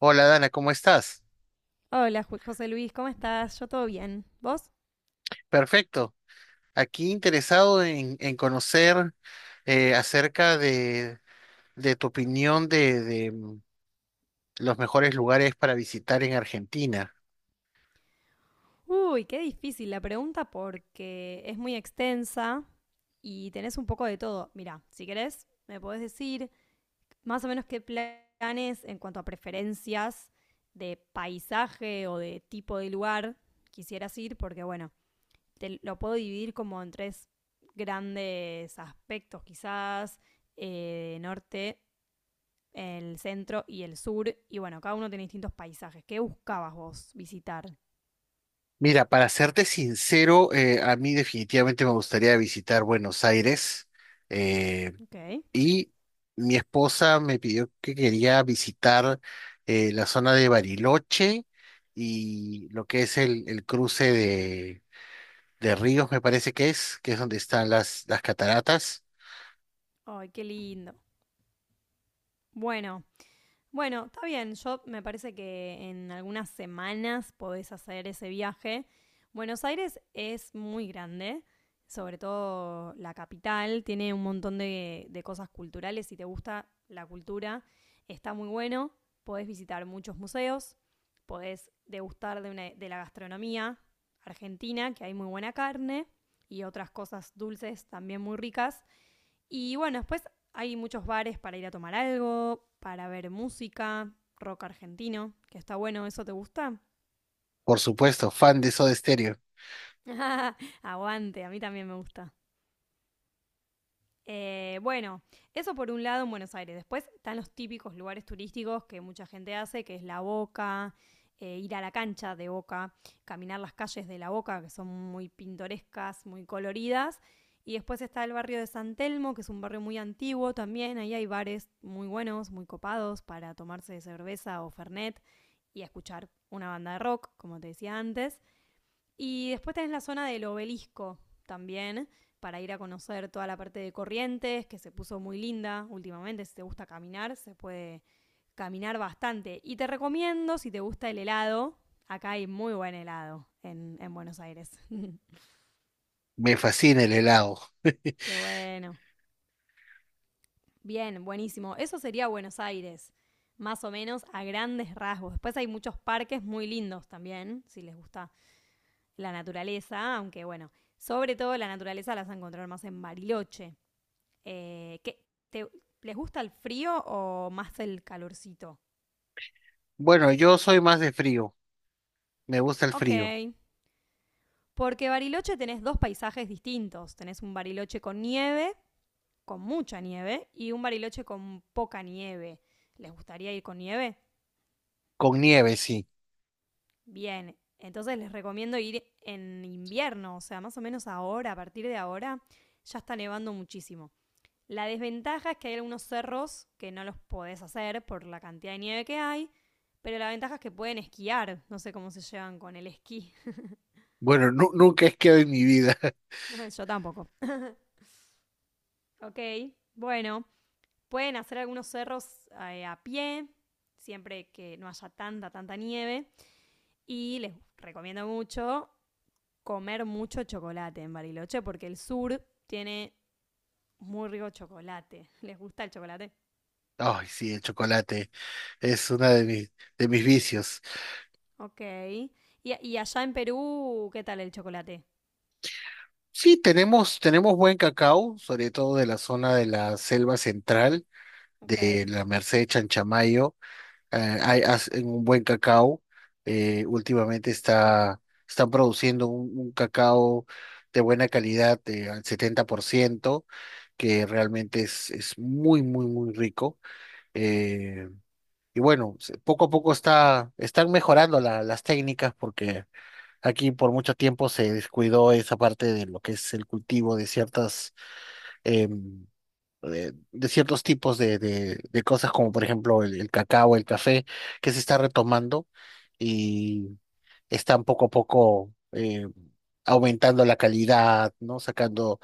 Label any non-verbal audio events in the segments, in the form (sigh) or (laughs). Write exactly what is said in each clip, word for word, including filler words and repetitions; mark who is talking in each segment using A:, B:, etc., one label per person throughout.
A: Hola Dana, ¿cómo estás?
B: Hola, Ju- José Luis, ¿cómo estás? Yo todo bien. ¿Vos?
A: Perfecto. Aquí interesado en, en conocer eh, acerca de, de tu opinión de, de, mm, los mejores lugares para visitar en Argentina.
B: Uy, qué difícil la pregunta porque es muy extensa y tenés un poco de todo. Mira, si querés, me podés decir más o menos qué planes en cuanto a preferencias de paisaje o de tipo de lugar quisieras ir, porque bueno, te lo puedo dividir como en tres grandes aspectos, quizás eh, norte, el centro y el sur. Y bueno, cada uno tiene distintos paisajes. ¿Qué buscabas vos visitar?
A: Mira, para serte sincero, eh, a mí definitivamente me gustaría visitar Buenos Aires. eh,
B: Ok.
A: Y mi esposa me pidió que quería visitar eh, la zona de Bariloche y lo que es el, el cruce de, de ríos, me parece que es, que es donde están las, las cataratas.
B: Ay, qué lindo. Bueno, bueno, está bien. Yo me parece que en algunas semanas podés hacer ese viaje. Buenos Aires es muy grande, sobre todo la capital. Tiene un montón de, de cosas culturales. Si te gusta la cultura, está muy bueno. Podés visitar muchos museos. Podés degustar de, una- de la gastronomía argentina, que hay muy buena carne y otras cosas dulces también muy ricas. Y bueno, después hay muchos bares para ir a tomar algo, para ver música, rock argentino, que está bueno, ¿eso te gusta?
A: Por supuesto, fan de Soda Stereo.
B: (laughs) Aguante, a mí también me gusta. Eh, bueno, eso por un lado en Buenos Aires. Después están los típicos lugares turísticos que mucha gente hace, que es la Boca, eh, ir a la cancha de Boca, caminar las calles de la Boca, que son muy pintorescas, muy coloridas. Y después está el barrio de San Telmo, que es un barrio muy antiguo también. Ahí hay bares muy buenos, muy copados para tomarse cerveza o fernet y escuchar una banda de rock, como te decía antes. Y después tenés la zona del obelisco también, para ir a conocer toda la parte de Corrientes, que se puso muy linda últimamente. Si te gusta caminar, se puede caminar bastante. Y te recomiendo, si te gusta el helado, acá hay muy buen helado en, en Buenos Aires. (laughs)
A: Me fascina el helado. (laughs)
B: Qué bueno. Bien, buenísimo. Eso sería Buenos Aires, más o menos a grandes rasgos. Después hay muchos parques muy lindos también, si les gusta la naturaleza, aunque bueno, sobre todo la naturaleza la vas a encontrar más en Bariloche. Eh, ¿qué- te- ¿Les gusta el frío o más el calorcito?
A: Bueno, yo soy más de frío. Me gusta el
B: Ok.
A: frío.
B: Porque Bariloche tenés dos paisajes distintos. Tenés un Bariloche con nieve, con mucha nieve, y un Bariloche con poca nieve. ¿Les gustaría ir con nieve?
A: Con nieve, sí.
B: Bien. Entonces les recomiendo ir en invierno, o sea, más o menos ahora, a partir de ahora, ya está nevando muchísimo. La desventaja es que hay algunos cerros que no los podés hacer por la cantidad de nieve que hay, pero la ventaja es que pueden esquiar. No sé cómo se llevan con el esquí.
A: Bueno, nu- nunca he quedado en mi vida. (laughs)
B: (laughs) Yo tampoco. Ok, bueno, pueden hacer algunos cerros eh, a pie, siempre que no haya tanta, tanta nieve. Y les recomiendo mucho comer mucho chocolate en Bariloche, porque el sur tiene muy rico chocolate. (laughs) ¿Les gusta el chocolate?
A: Ay, sí, el chocolate es uno de mis, de mis vicios.
B: Ok. ¿Y, y allá en Perú qué tal el chocolate?
A: Sí, tenemos, tenemos buen cacao, sobre todo de la zona de la selva central,
B: Ok.
A: de la Merced Chanchamayo. Eh, hay, hacen un buen cacao. eh, últimamente está, están produciendo un, un cacao de buena calidad, eh, al setenta por ciento, que realmente es, es muy, muy, muy rico. eh, y bueno, se- poco a poco está, están mejorando la- las técnicas porque aquí por mucho tiempo se descuidó esa parte de lo que es el cultivo de ciertas em, de, de ciertos tipos de, de, de cosas, como por ejemplo el, el cacao, el café, que se está retomando y están poco a poco eh, aumentando la calidad, ¿no? Sacando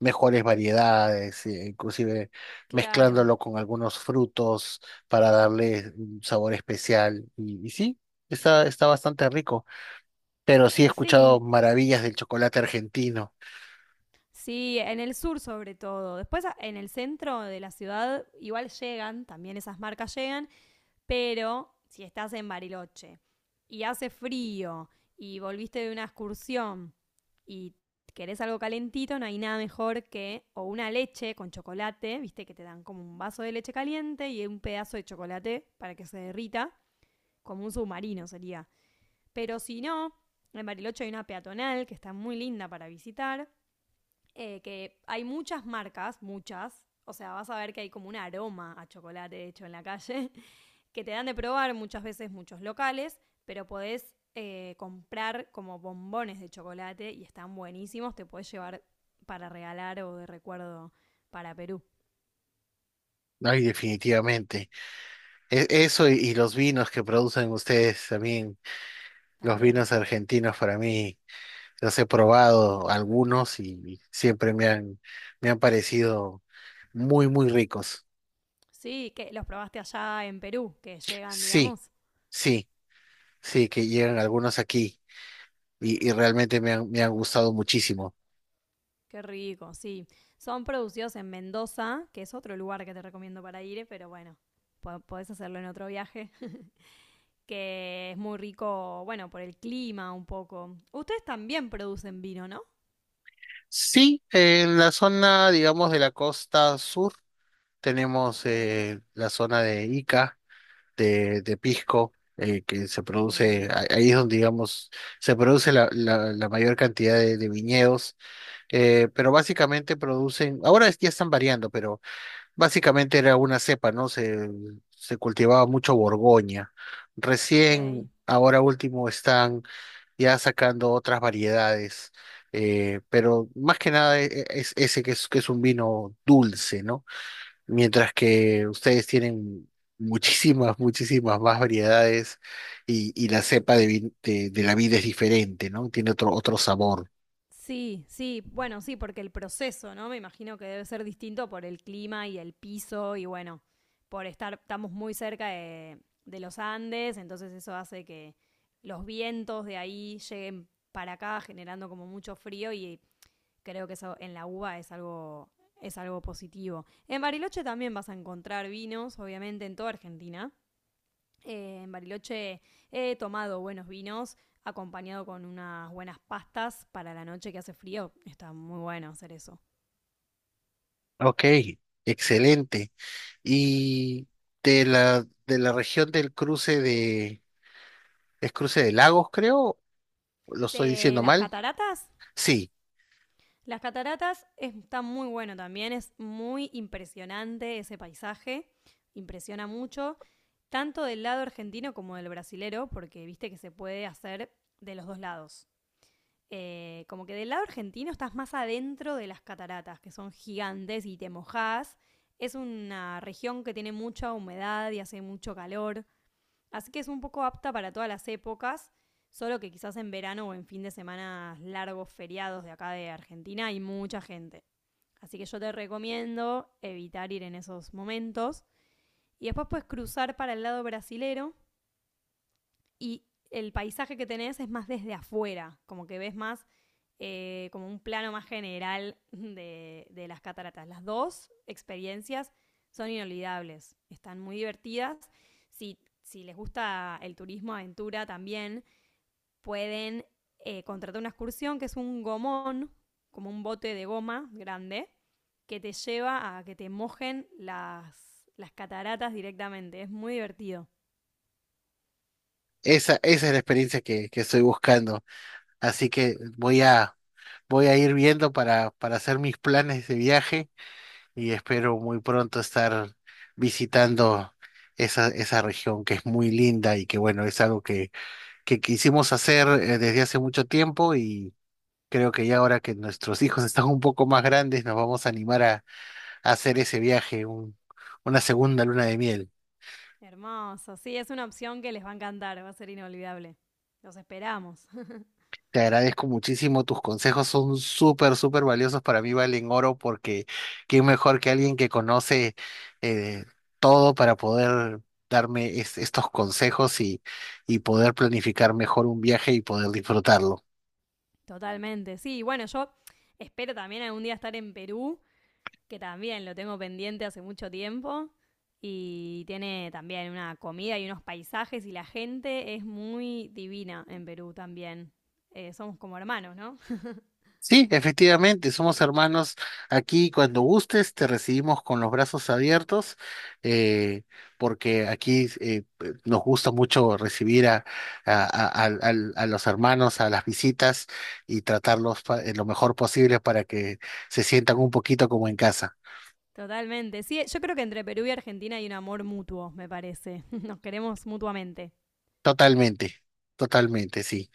A: mejores variedades, eh, inclusive
B: Claro.
A: mezclándolo con algunos frutos para darle un sabor especial. Y, y sí, está, está bastante rico. Pero sí, he escuchado
B: Sí,
A: maravillas del chocolate argentino.
B: sí, en el sur sobre todo. Después a- en el centro de la ciudad igual llegan, también esas marcas llegan, pero si estás en Bariloche y hace frío y volviste de una excursión y querés algo calentito, no hay nada mejor que o una leche con chocolate, viste que te dan como un vaso de leche caliente y un pedazo de chocolate para que se derrita, como un submarino sería. Pero si no, en Bariloche hay una peatonal que está muy linda para visitar, eh, que hay muchas marcas, muchas. O sea, vas a ver que hay como un aroma a chocolate de hecho en la calle, (laughs) que te dan de probar muchas veces muchos locales, pero podés eh, comprar como bombones de chocolate y están buenísimos, te podés llevar para regalar o de recuerdo para Perú
A: Ay, definitivamente. E- Eso y, y los vinos que producen ustedes también, los
B: también.
A: vinos argentinos para mí, los he probado algunos y siempre me han, me han parecido muy, muy ricos.
B: Sí, que los probaste allá en Perú, que llegan,
A: Sí,
B: digamos.
A: sí, sí, que llegan algunos aquí y, y realmente me han, me han gustado muchísimo.
B: Qué rico, sí. Son producidos en Mendoza, que es otro lugar que te recomiendo para ir, pero bueno, po- podés hacerlo en otro viaje. (laughs) Que es muy rico, bueno, por el clima un poco. Ustedes también producen vino, ¿no?
A: Sí, en la zona, digamos, de la costa sur
B: Ok.
A: tenemos eh, la zona de Ica de, de pisco, eh, que se
B: Uh,
A: produce, a- ahí es donde digamos se produce la, la, la mayor cantidad de, de viñedos, eh, pero básicamente producen, ahora es- ya están variando, pero básicamente era una cepa, ¿no? Se, se cultivaba mucho Borgoña.
B: ok.
A: Recién, ahora último, están ya sacando otras variedades, eh, pero más que nada e- e- es ese, que es, que es un vino dulce, ¿no? Mientras que ustedes tienen muchísimas, muchísimas más variedades y, y la cepa de, vi- de, de la vida es diferente, ¿no? Tiene otro, otro sabor.
B: Sí, sí, bueno, sí, porque el proceso, ¿no? Me imagino que debe ser distinto por el clima y el piso y bueno, por estar, estamos muy cerca de, de los Andes, entonces eso hace que los vientos de ahí lleguen para acá generando como mucho frío y creo que eso en la uva es algo, es algo positivo. En Bariloche también vas a encontrar vinos, obviamente, en toda Argentina. Eh, en Bariloche he tomado buenos vinos acompañado con unas buenas pastas para la noche que hace frío. Está muy bueno hacer eso.
A: Ok, excelente. Y de la, de la región del cruce de, es cruce de lagos, creo, ¿lo estoy
B: De
A: diciendo
B: las
A: mal?
B: cataratas.
A: Sí,
B: Las cataratas está muy bueno también, es muy impresionante ese paisaje, impresiona mucho, tanto del lado argentino como del brasilero, porque viste que se puede hacer de los dos lados. Eh, como que del lado argentino estás más adentro de las cataratas, que son gigantes y te mojás. Es una región que tiene mucha humedad y hace mucho calor, así que es un poco apta para todas las épocas, solo que quizás en verano o en fin de semana largos feriados de acá de Argentina hay mucha gente. Así que yo te recomiendo evitar ir en esos momentos. Y después puedes cruzar para el lado brasilero, y el paisaje que tenés es más desde afuera, como que ves más eh, como un plano más general de, de las cataratas. Las dos experiencias son inolvidables, están muy divertidas. Si, si les gusta el turismo aventura también, pueden eh, contratar una excursión que es un gomón, como un bote de goma grande, que te lleva a que te mojen las, las cataratas directamente. Es muy divertido.
A: esa, esa es la experiencia que, que estoy buscando. Así que voy a, voy a ir viendo para, para hacer mis planes de viaje y espero muy pronto estar visitando esa, esa región que es muy linda y que bueno, es algo que, que quisimos hacer eh, desde hace mucho tiempo y creo que ya ahora que nuestros hijos (laughs) están un poco más grandes nos vamos a animar a, a hacer ese viaje, un- una segunda luna de miel.
B: Hermoso, sí, es una opción que les va a encantar, va a ser inolvidable. Los esperamos. (laughs)
A: Te agradezco muchísimo, tus consejos son súper, súper valiosos para mí, valen oro, porque quién mejor que alguien que conoce eh, todo para poder darme es- estos consejos y, y poder planificar mejor un viaje y poder disfrutarlo.
B: Totalmente. Sí, bueno, yo espero también algún día estar en Perú, que también lo tengo pendiente hace mucho tiempo. Y tiene también una comida y unos paisajes y la gente es muy divina en Perú también. Eh, somos como hermanos, ¿no?
A: Sí, efectivamente, somos hermanos aquí. Cuando gustes, te recibimos con los brazos abiertos, eh, porque aquí eh, eh, nos gusta mucho recibir a, a- a- al- al- a los hermanos, a las visitas y tratarlos pa- eh, lo mejor posible para que se sientan un poquito como en casa.
B: Totalmente. Sí, yo creo que entre Perú y Argentina hay un amor mutuo, me parece. (laughs) Nos queremos mutuamente.
A: Totalmente, totalmente, sí.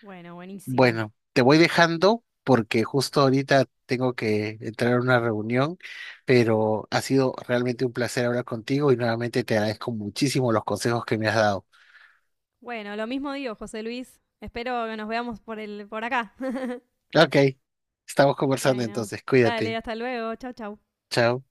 B: Bueno, buenísimo.
A: Bueno, te voy dejando porque justo ahorita tengo que entrar a una reunión, pero ha sido realmente un placer hablar contigo y nuevamente te agradezco muchísimo los consejos que me has dado.
B: Bueno, lo mismo digo, José Luis. Espero que nos veamos por el, por acá. (laughs)
A: Ok, estamos conversando
B: Bueno,
A: entonces,
B: dale,
A: cuídate.
B: hasta luego. Chau, chau.
A: Chao.